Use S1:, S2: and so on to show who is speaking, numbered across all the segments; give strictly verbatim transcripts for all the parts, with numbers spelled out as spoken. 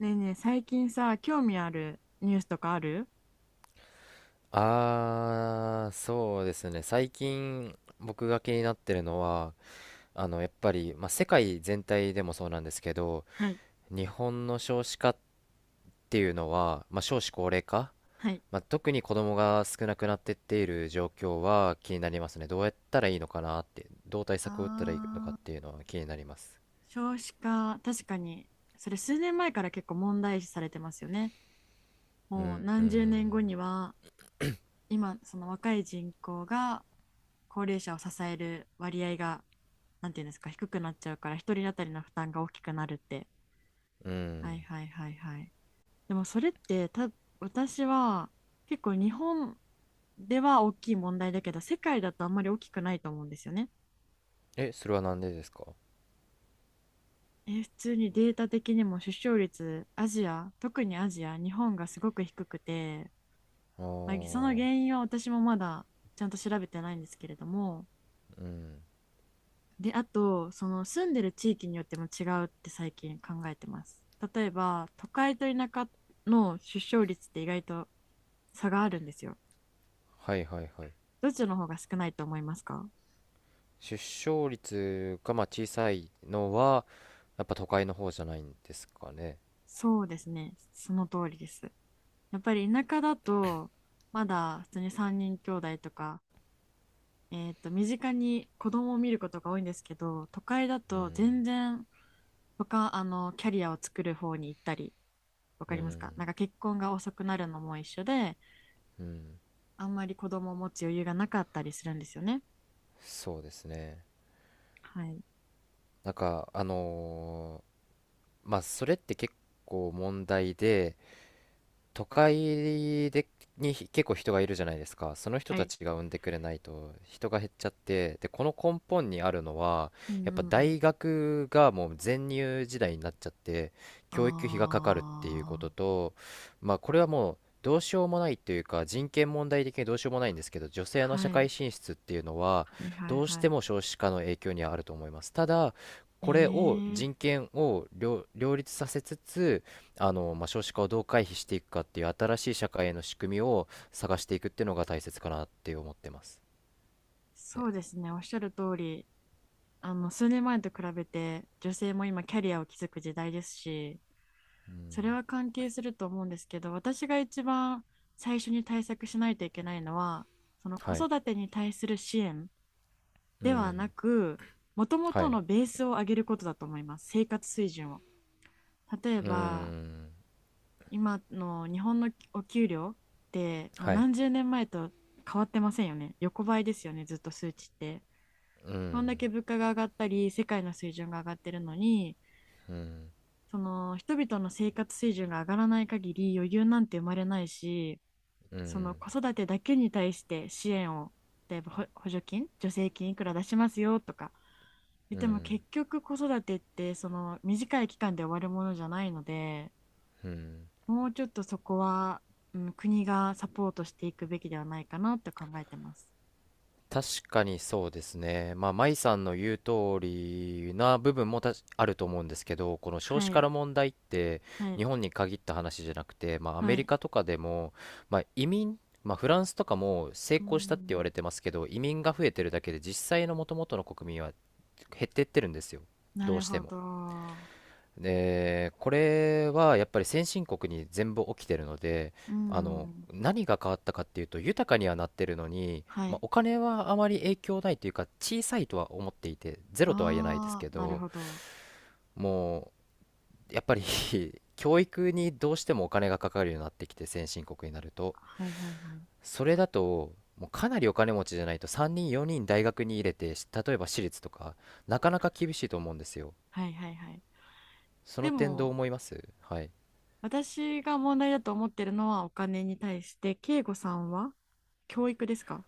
S1: ねえねえ、最近さ、興味あるニュースとかある？
S2: ああ、そうですね。最近僕が気になってるのは、あの、やっぱり、まあ、世界全体でもそうなんですけど、
S1: はい。
S2: 日本の少子化っていうのは、まあ、少子高齢化、
S1: はい。
S2: まあ、特に子供が少なくなってっている状況は気になりますね。どうやったらいいのかなって、どう対策を打ったらいいのかっ
S1: あ
S2: て
S1: ー
S2: いうのは気になります。
S1: 少子化、確かに、それ数年前から結構問題視されてますよね。
S2: う
S1: もう
S2: ん、う
S1: 何十年
S2: ん、
S1: 後には、今、その若い人口が高齢者を支える割合が、なんていうんですか、低くなっちゃうから、一人当たりの負担が大きくなるって。
S2: う
S1: はい
S2: ん。
S1: はいはいはい。でもそれってた、私は結構日本では大きい問題だけど、世界だとあんまり大きくないと思うんですよね。
S2: え、それはなんでですか？
S1: え、普通にデータ的にも出生率、アジア、特にアジア、日本がすごく低くて、
S2: ああ
S1: まあ、その
S2: ー、
S1: 原因は私もまだちゃんと調べてないんですけれども、
S2: うん。
S1: で、あと、その住んでる地域によっても違うって最近考えてます。例えば、都会と田舎の出生率って意外と差があるんですよ。
S2: はいはいはい。
S1: どっちの方が少ないと思いますか？
S2: 出生率がまあ小さいのは、やっぱ都会の方じゃないんですかね。
S1: そうですね。その通りです。やっぱり田舎だと、まだ普通にさんにん兄弟とか、えっと、身近に子供を見ることが多いんですけど、都会だ
S2: う
S1: と
S2: ん、
S1: 全然他、あの、キャリアを作る方に行ったり、わ
S2: う
S1: かります
S2: ん、
S1: か？なんか結婚が遅くなるのも一緒で、
S2: うん、
S1: あんまり子供を持つ余裕がなかったりするんですよね。
S2: そうですね。
S1: はい。
S2: なんか、あのーまあ、それって結構問題で、都会でに結構人がいるじゃないですか。その人
S1: は
S2: た
S1: い。
S2: ちが産んでくれないと人が減っちゃって、で、この根本にあるのは、
S1: うん
S2: や
S1: うん
S2: っ
S1: う
S2: ぱ
S1: ん。
S2: 大学がもう全入時代になっちゃって、
S1: あ
S2: 教育費がかかるっていうこと
S1: あ。
S2: と、まあこれはもうどうしようもないというか、人権問題的にどうしようもないんですけど、女性の
S1: は
S2: 社
S1: い。
S2: 会進出っていうのは、
S1: はいはい
S2: どうし
S1: は
S2: て
S1: い。
S2: も少子化の影響にはあると思います。ただ、
S1: え
S2: これを人
S1: え、
S2: 権を両、両立させつつ、あの、まあ、少子化をどう回避していくかっていう新しい社会への仕組みを探していくっていうのが大切かなって思ってますね。
S1: そうですね。おっしゃる通り、あの数年前と比べて女性も今キャリアを築く時代ですし、それは関係すると思うんですけど、私が一番最初に対策しないといけないのは、その子
S2: はい。
S1: 育てに対する支援
S2: う
S1: ではな
S2: ん。
S1: く、もとも
S2: は
S1: と
S2: い。
S1: のベースを上げることだと思います。生活水準を。例え
S2: う
S1: ば、
S2: ん。
S1: 今の日本のお給料って、もう
S2: はい。
S1: 何十年前と変わってませんよね。横ばいですよね、ずっと数値って。
S2: う
S1: こんだ
S2: ん。
S1: け物価が上がったり世界の水準が上がってるのに、
S2: うん。
S1: その人々の生活水準が上がらない限り余裕なんて生まれないし、
S2: う
S1: その
S2: ん。
S1: 子育てだけに対して支援を、例えばほ補助金、助成金いくら出しますよとか言っ
S2: う
S1: ても、
S2: ん。
S1: 結局子育てってその短い期間で終わるものじゃないので、
S2: うん。
S1: もうちょっとそこは、うん、国がサポートしていくべきではないかなって考えてます。
S2: 確かにそうですね。まあ、舞さんの言う通りな部分もたしあると思うんですけど、この少
S1: は
S2: 子化
S1: い、
S2: の問題って
S1: はい、
S2: 日本に限った話じゃなくて、まあ、ア
S1: は
S2: メリ
S1: い。
S2: カとかでも、まあ、移民、まあ、フランスとかも成
S1: う
S2: 功したって言
S1: ん、
S2: われてますけど、移民が増えてるだけで実際の元々の国民は減ってってるんですよ。
S1: な
S2: どう
S1: る
S2: して
S1: ほ
S2: も。
S1: ど。
S2: で、これはやっぱり先進国に全部起きてるので、
S1: う
S2: あの、
S1: ん、
S2: 何が変わったかっていうと、豊かにはなってるのに、
S1: は
S2: まあ、
S1: い。
S2: お金はあまり影響ないというか、小さいとは思っていて、ゼロとは言えないです
S1: あ
S2: け
S1: あ、なる
S2: ど、
S1: ほど。
S2: もう、やっぱり 教育にどうしてもお金がかかるようになってきて、先進国になると。
S1: はいはいはい。
S2: それだと、もうかなりお金持ちじゃないとさんにんよにん大学に入れて、し例えば私立とか、なかなか厳しいと思うんですよ。
S1: はいはいはい。
S2: そ
S1: で
S2: の点どう
S1: も、
S2: 思います？はい。
S1: 私が問題だと思ってるのはお金に対して、慶吾さんは教育ですか？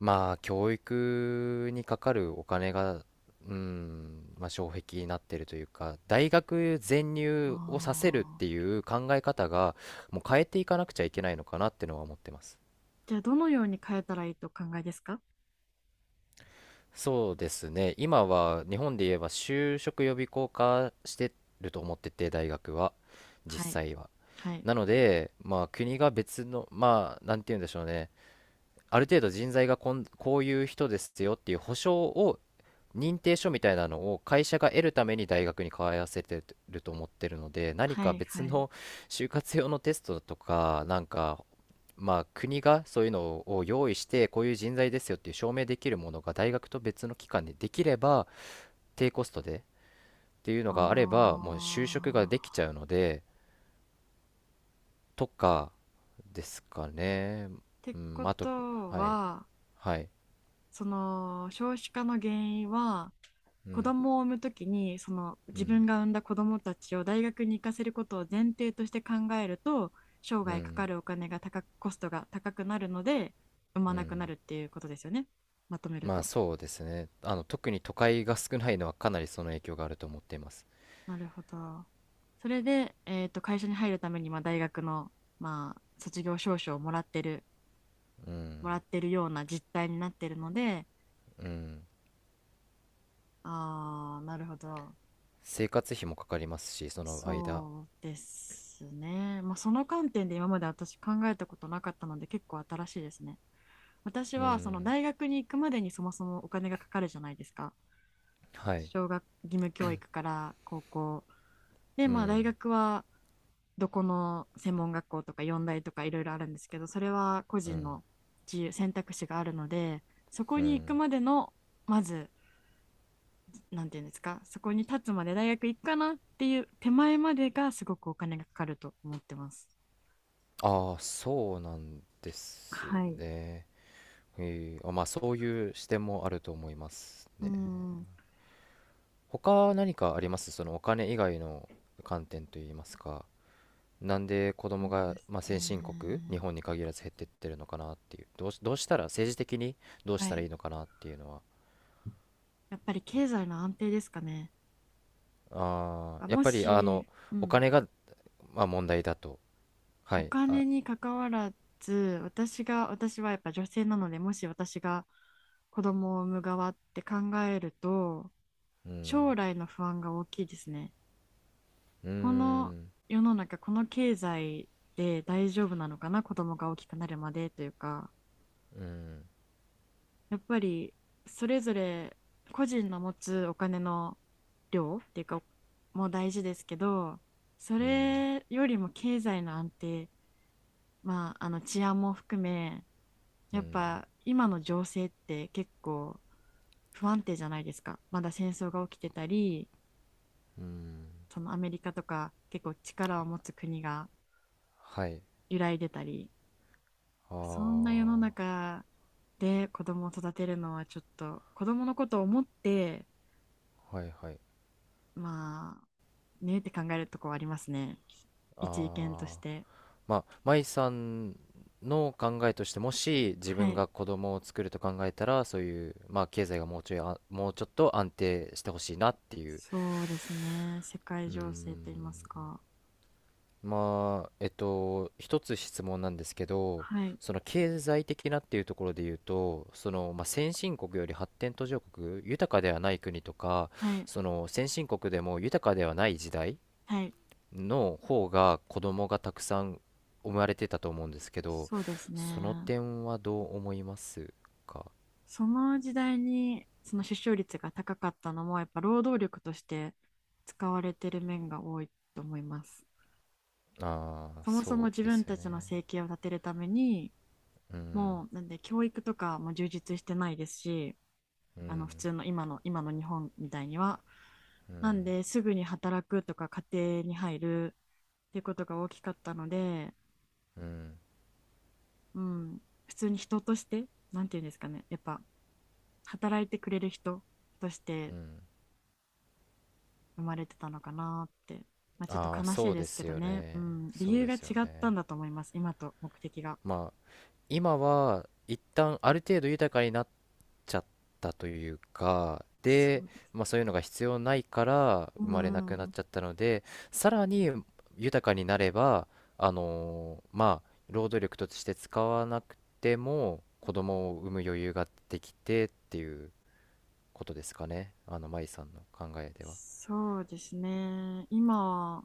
S2: まあ、教育にかかるお金が、うん、まあ、障壁になってるというか、大学全入をさせるっ
S1: あ
S2: てい
S1: あ
S2: う考え方が、もう変えていかなくちゃいけないのかなってのは思ってます。
S1: ー。じゃあ、どのように変えたらいいとお考えですか？
S2: そうですね、今は日本で言えば就職予備校化してると思ってて、大学は、実
S1: はい。
S2: 際は。
S1: はい。
S2: なので、まあ、国が別の、まあ、なんて言うんでしょうね。ある程度人材がこん、こういう人ですよっていう保証を、認定書みたいなのを会社が得るために大学に通わせてると思ってるので、何
S1: は
S2: か
S1: い。
S2: 別
S1: はい。
S2: の就活用のテストとか、なんか、まあ、国がそういうのを用意して、こういう人材ですよっていう証明できるものが大学と別の機関でできれば、低コストでっていうのがあれ
S1: あ
S2: ば、もう就職ができち
S1: あ。
S2: ゃうので、とかですかね。
S1: って
S2: うん、
S1: こ
S2: あと、
S1: と
S2: はい、
S1: は、
S2: はい、
S1: その、少子化の原因は、
S2: う
S1: 子
S2: ん、
S1: 供を産むときに、その
S2: う
S1: 自
S2: ん。
S1: 分が産んだ子供たちを大学に行かせることを前提として考えると、生
S2: う
S1: 涯かか
S2: ん、
S1: るお金が高く、コストが高くなるので産
S2: う
S1: まなくな
S2: ん。
S1: るっていうことですよね、まとめる
S2: まあ
S1: と。
S2: そうですね。あの、特に都会が少ないのはかなりその影響があると思っています。
S1: なるほど。それで、えーと会社に入るために、まあ、大学の、まあ、卒業証書をもらってる
S2: う
S1: も
S2: ん、
S1: らってるような実態になってるので。
S2: うん。
S1: あー、なるほど。
S2: 生活費もかかりますし、その間。
S1: そうですね。まあ、その観点で今まで私考えたことなかったので結構新しいですね。私
S2: う
S1: はその
S2: ん、
S1: 大学に行くまでにそもそもお金がかかるじゃないですか。
S2: はい。
S1: 小学義務教育から高校。で、
S2: う
S1: まあ大
S2: ん、
S1: 学はどこの専門学校とか四大とかいろいろあるんですけど、それは個
S2: う
S1: 人
S2: ん、
S1: の自由、選択肢があるので、そこ
S2: う
S1: に行く
S2: ん。
S1: までの、まず、なんていうんですか、そこに立つまで大学行くかなっていう手前までがすごくお金がかかると思ってます。
S2: ああ、そうなんです
S1: はい。
S2: ね。えーあ、まあそういう視点もあると思います
S1: う
S2: ね。
S1: ん、
S2: 他何かあります？そのお金以外の観点といいますか。なんで子
S1: そ
S2: 供
S1: うで
S2: が、
S1: す
S2: まあ、先進国、日
S1: ね。
S2: 本に限らず減ってってるのかなっていう、どうし、どうしたら、政治的にどうし
S1: は
S2: たらい
S1: い。
S2: いのかなっていうのは、
S1: やっぱり経済の安定ですかね。
S2: あーやっ
S1: も
S2: ぱりあの
S1: し、う
S2: お
S1: ん、
S2: 金が、まあ、問題だと、は
S1: お
S2: い、あ、
S1: 金に関わらず、私が、私はやっぱ女性なので、もし私が子供を産む側って考えると、
S2: う
S1: 将
S2: ん、
S1: 来の不安が大きいですね。
S2: うー
S1: この
S2: ん、
S1: 世の中、この経済で大丈夫なのかな、子供が大きくなるまでというか、
S2: うん、
S1: やっぱりそれぞれ個人の持つお金の量っていうかも大事ですけど、そ
S2: うん、
S1: れよりも経済の安定、まあ、あの治安も含め、
S2: う
S1: やっ
S2: ん、
S1: ぱ今の情勢って結構不安定じゃないですか。まだ戦争が起きてたり、
S2: うん、
S1: そのアメリカとか結構力を持つ国が
S2: はい、
S1: 揺らいでたり、
S2: あ
S1: そんな世の
S2: ー、
S1: 中で子供を育てるのはちょっと子供のことを思って、
S2: はいはい、
S1: まあ、ねって考えるとこはありますね。一意見と
S2: あ
S1: し
S2: ー。
S1: て。
S2: まあ、舞さんの考えとしてもし自
S1: は
S2: 分
S1: い。
S2: が子供を作ると考えたらそういう、まあ、経済がもうちょいあもうちょっと安定してほしいなっていう。
S1: そうですね。世界
S2: うー
S1: 情勢と言います
S2: ん。
S1: か。
S2: まあえっと一つ質問なんですけど、
S1: はい。
S2: その経済的なっていうところで言うとその、まあ、先進国より発展途上国豊かではない国とか
S1: はい。
S2: その先進国でも豊かではない時代
S1: はい。
S2: の方が子供がたくさん生まれてたと思うんですけど、
S1: そうです
S2: その
S1: ね。
S2: 点はどう思いますか？
S1: その時代に、その出生率が高かったのも、やっぱ労働力として使われてる面が多いと思います。
S2: ああー、
S1: そもそも
S2: そ
S1: 自
S2: うです
S1: 分
S2: よ
S1: たちの
S2: ね。
S1: 生計を立てるために、
S2: うん、
S1: もう、なんで教育とかも充実してないですし、
S2: う
S1: あの普
S2: ん、
S1: 通の今の今の日本みたいには。
S2: う
S1: なん
S2: ん、
S1: ですぐに働くとか家庭に入るっていうことが大きかったので、
S2: うん、
S1: うん、普通に人として、なんていうんですかね、やっぱ働いてくれる人とし
S2: う
S1: て
S2: ん。
S1: 生まれてたのかなって、まあ、ちょっと
S2: ああ、
S1: 悲しい
S2: そう
S1: で
S2: で
S1: すけ
S2: す
S1: ど
S2: よ
S1: ね、う
S2: ね。
S1: ん、理
S2: そう
S1: 由
S2: で
S1: が違
S2: すよ
S1: った
S2: ね。
S1: んだと思います、今と目的が。
S2: まあ、今は一旦ある程度豊かになっちゃったというか、
S1: そ
S2: で、
S1: うです。
S2: まあ、そういうのが必要ないから
S1: うん
S2: 生
S1: う
S2: まれな
S1: ん
S2: くな
S1: う
S2: っ
S1: ん。
S2: ちゃったので、さらに豊かになれば、あのーまあ、労働力として使わなくても子供を産む余裕ができてっていうことですかね、あの、舞さんの考えでは。
S1: そうですね、今は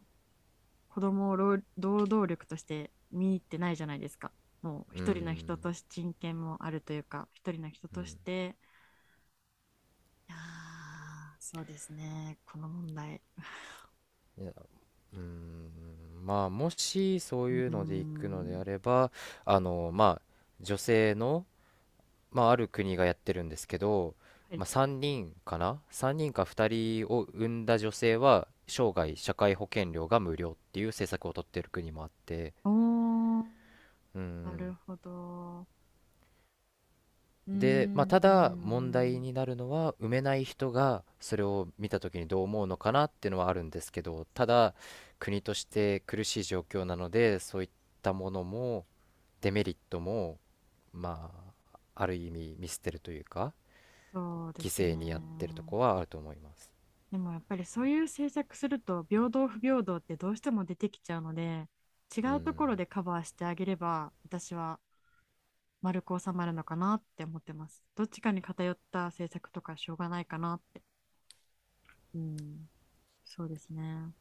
S1: 子供を労働力として見入ってないじゃないですか。もう
S2: うー
S1: 一人の人
S2: ん、
S1: として人権もあるというか、一人の人
S2: う
S1: とし
S2: ん、
S1: て。いや、そうですね、この問題。
S2: いや、うーん、まあ、もしそう
S1: う
S2: い
S1: ー
S2: うので行くのであ
S1: ん。
S2: れば、あのまあ、女性のまあ、ある国がやってるんですけど、
S1: はい、
S2: まあ、さんにんかなさんにんかふたりを産んだ女性は生涯社会保険料が無料っていう政策をとってる国もあって。
S1: おー、
S2: う
S1: なる
S2: ん。
S1: ほど。うー
S2: で、まあ、
S1: ん、
S2: た
S1: うー
S2: だ問題
S1: ん。
S2: になるのは産めない人がそれを見た時にどう思うのかなっていうのはあるんですけどただ国として苦しい状況なのでそういったものもデメリットもまあある意味見捨てるというか
S1: そうで
S2: 犠
S1: す
S2: 牲にやってると
S1: ね。
S2: こはあると思います。
S1: でもやっぱりそういう政策すると、平等不平等ってどうしても出てきちゃうので、違
S2: う
S1: うところ
S2: ん。
S1: でカバーしてあげれば、私は丸く収まるのかなって思ってます。どっちかに偏った政策とかしょうがないかなって。うん、そうですね。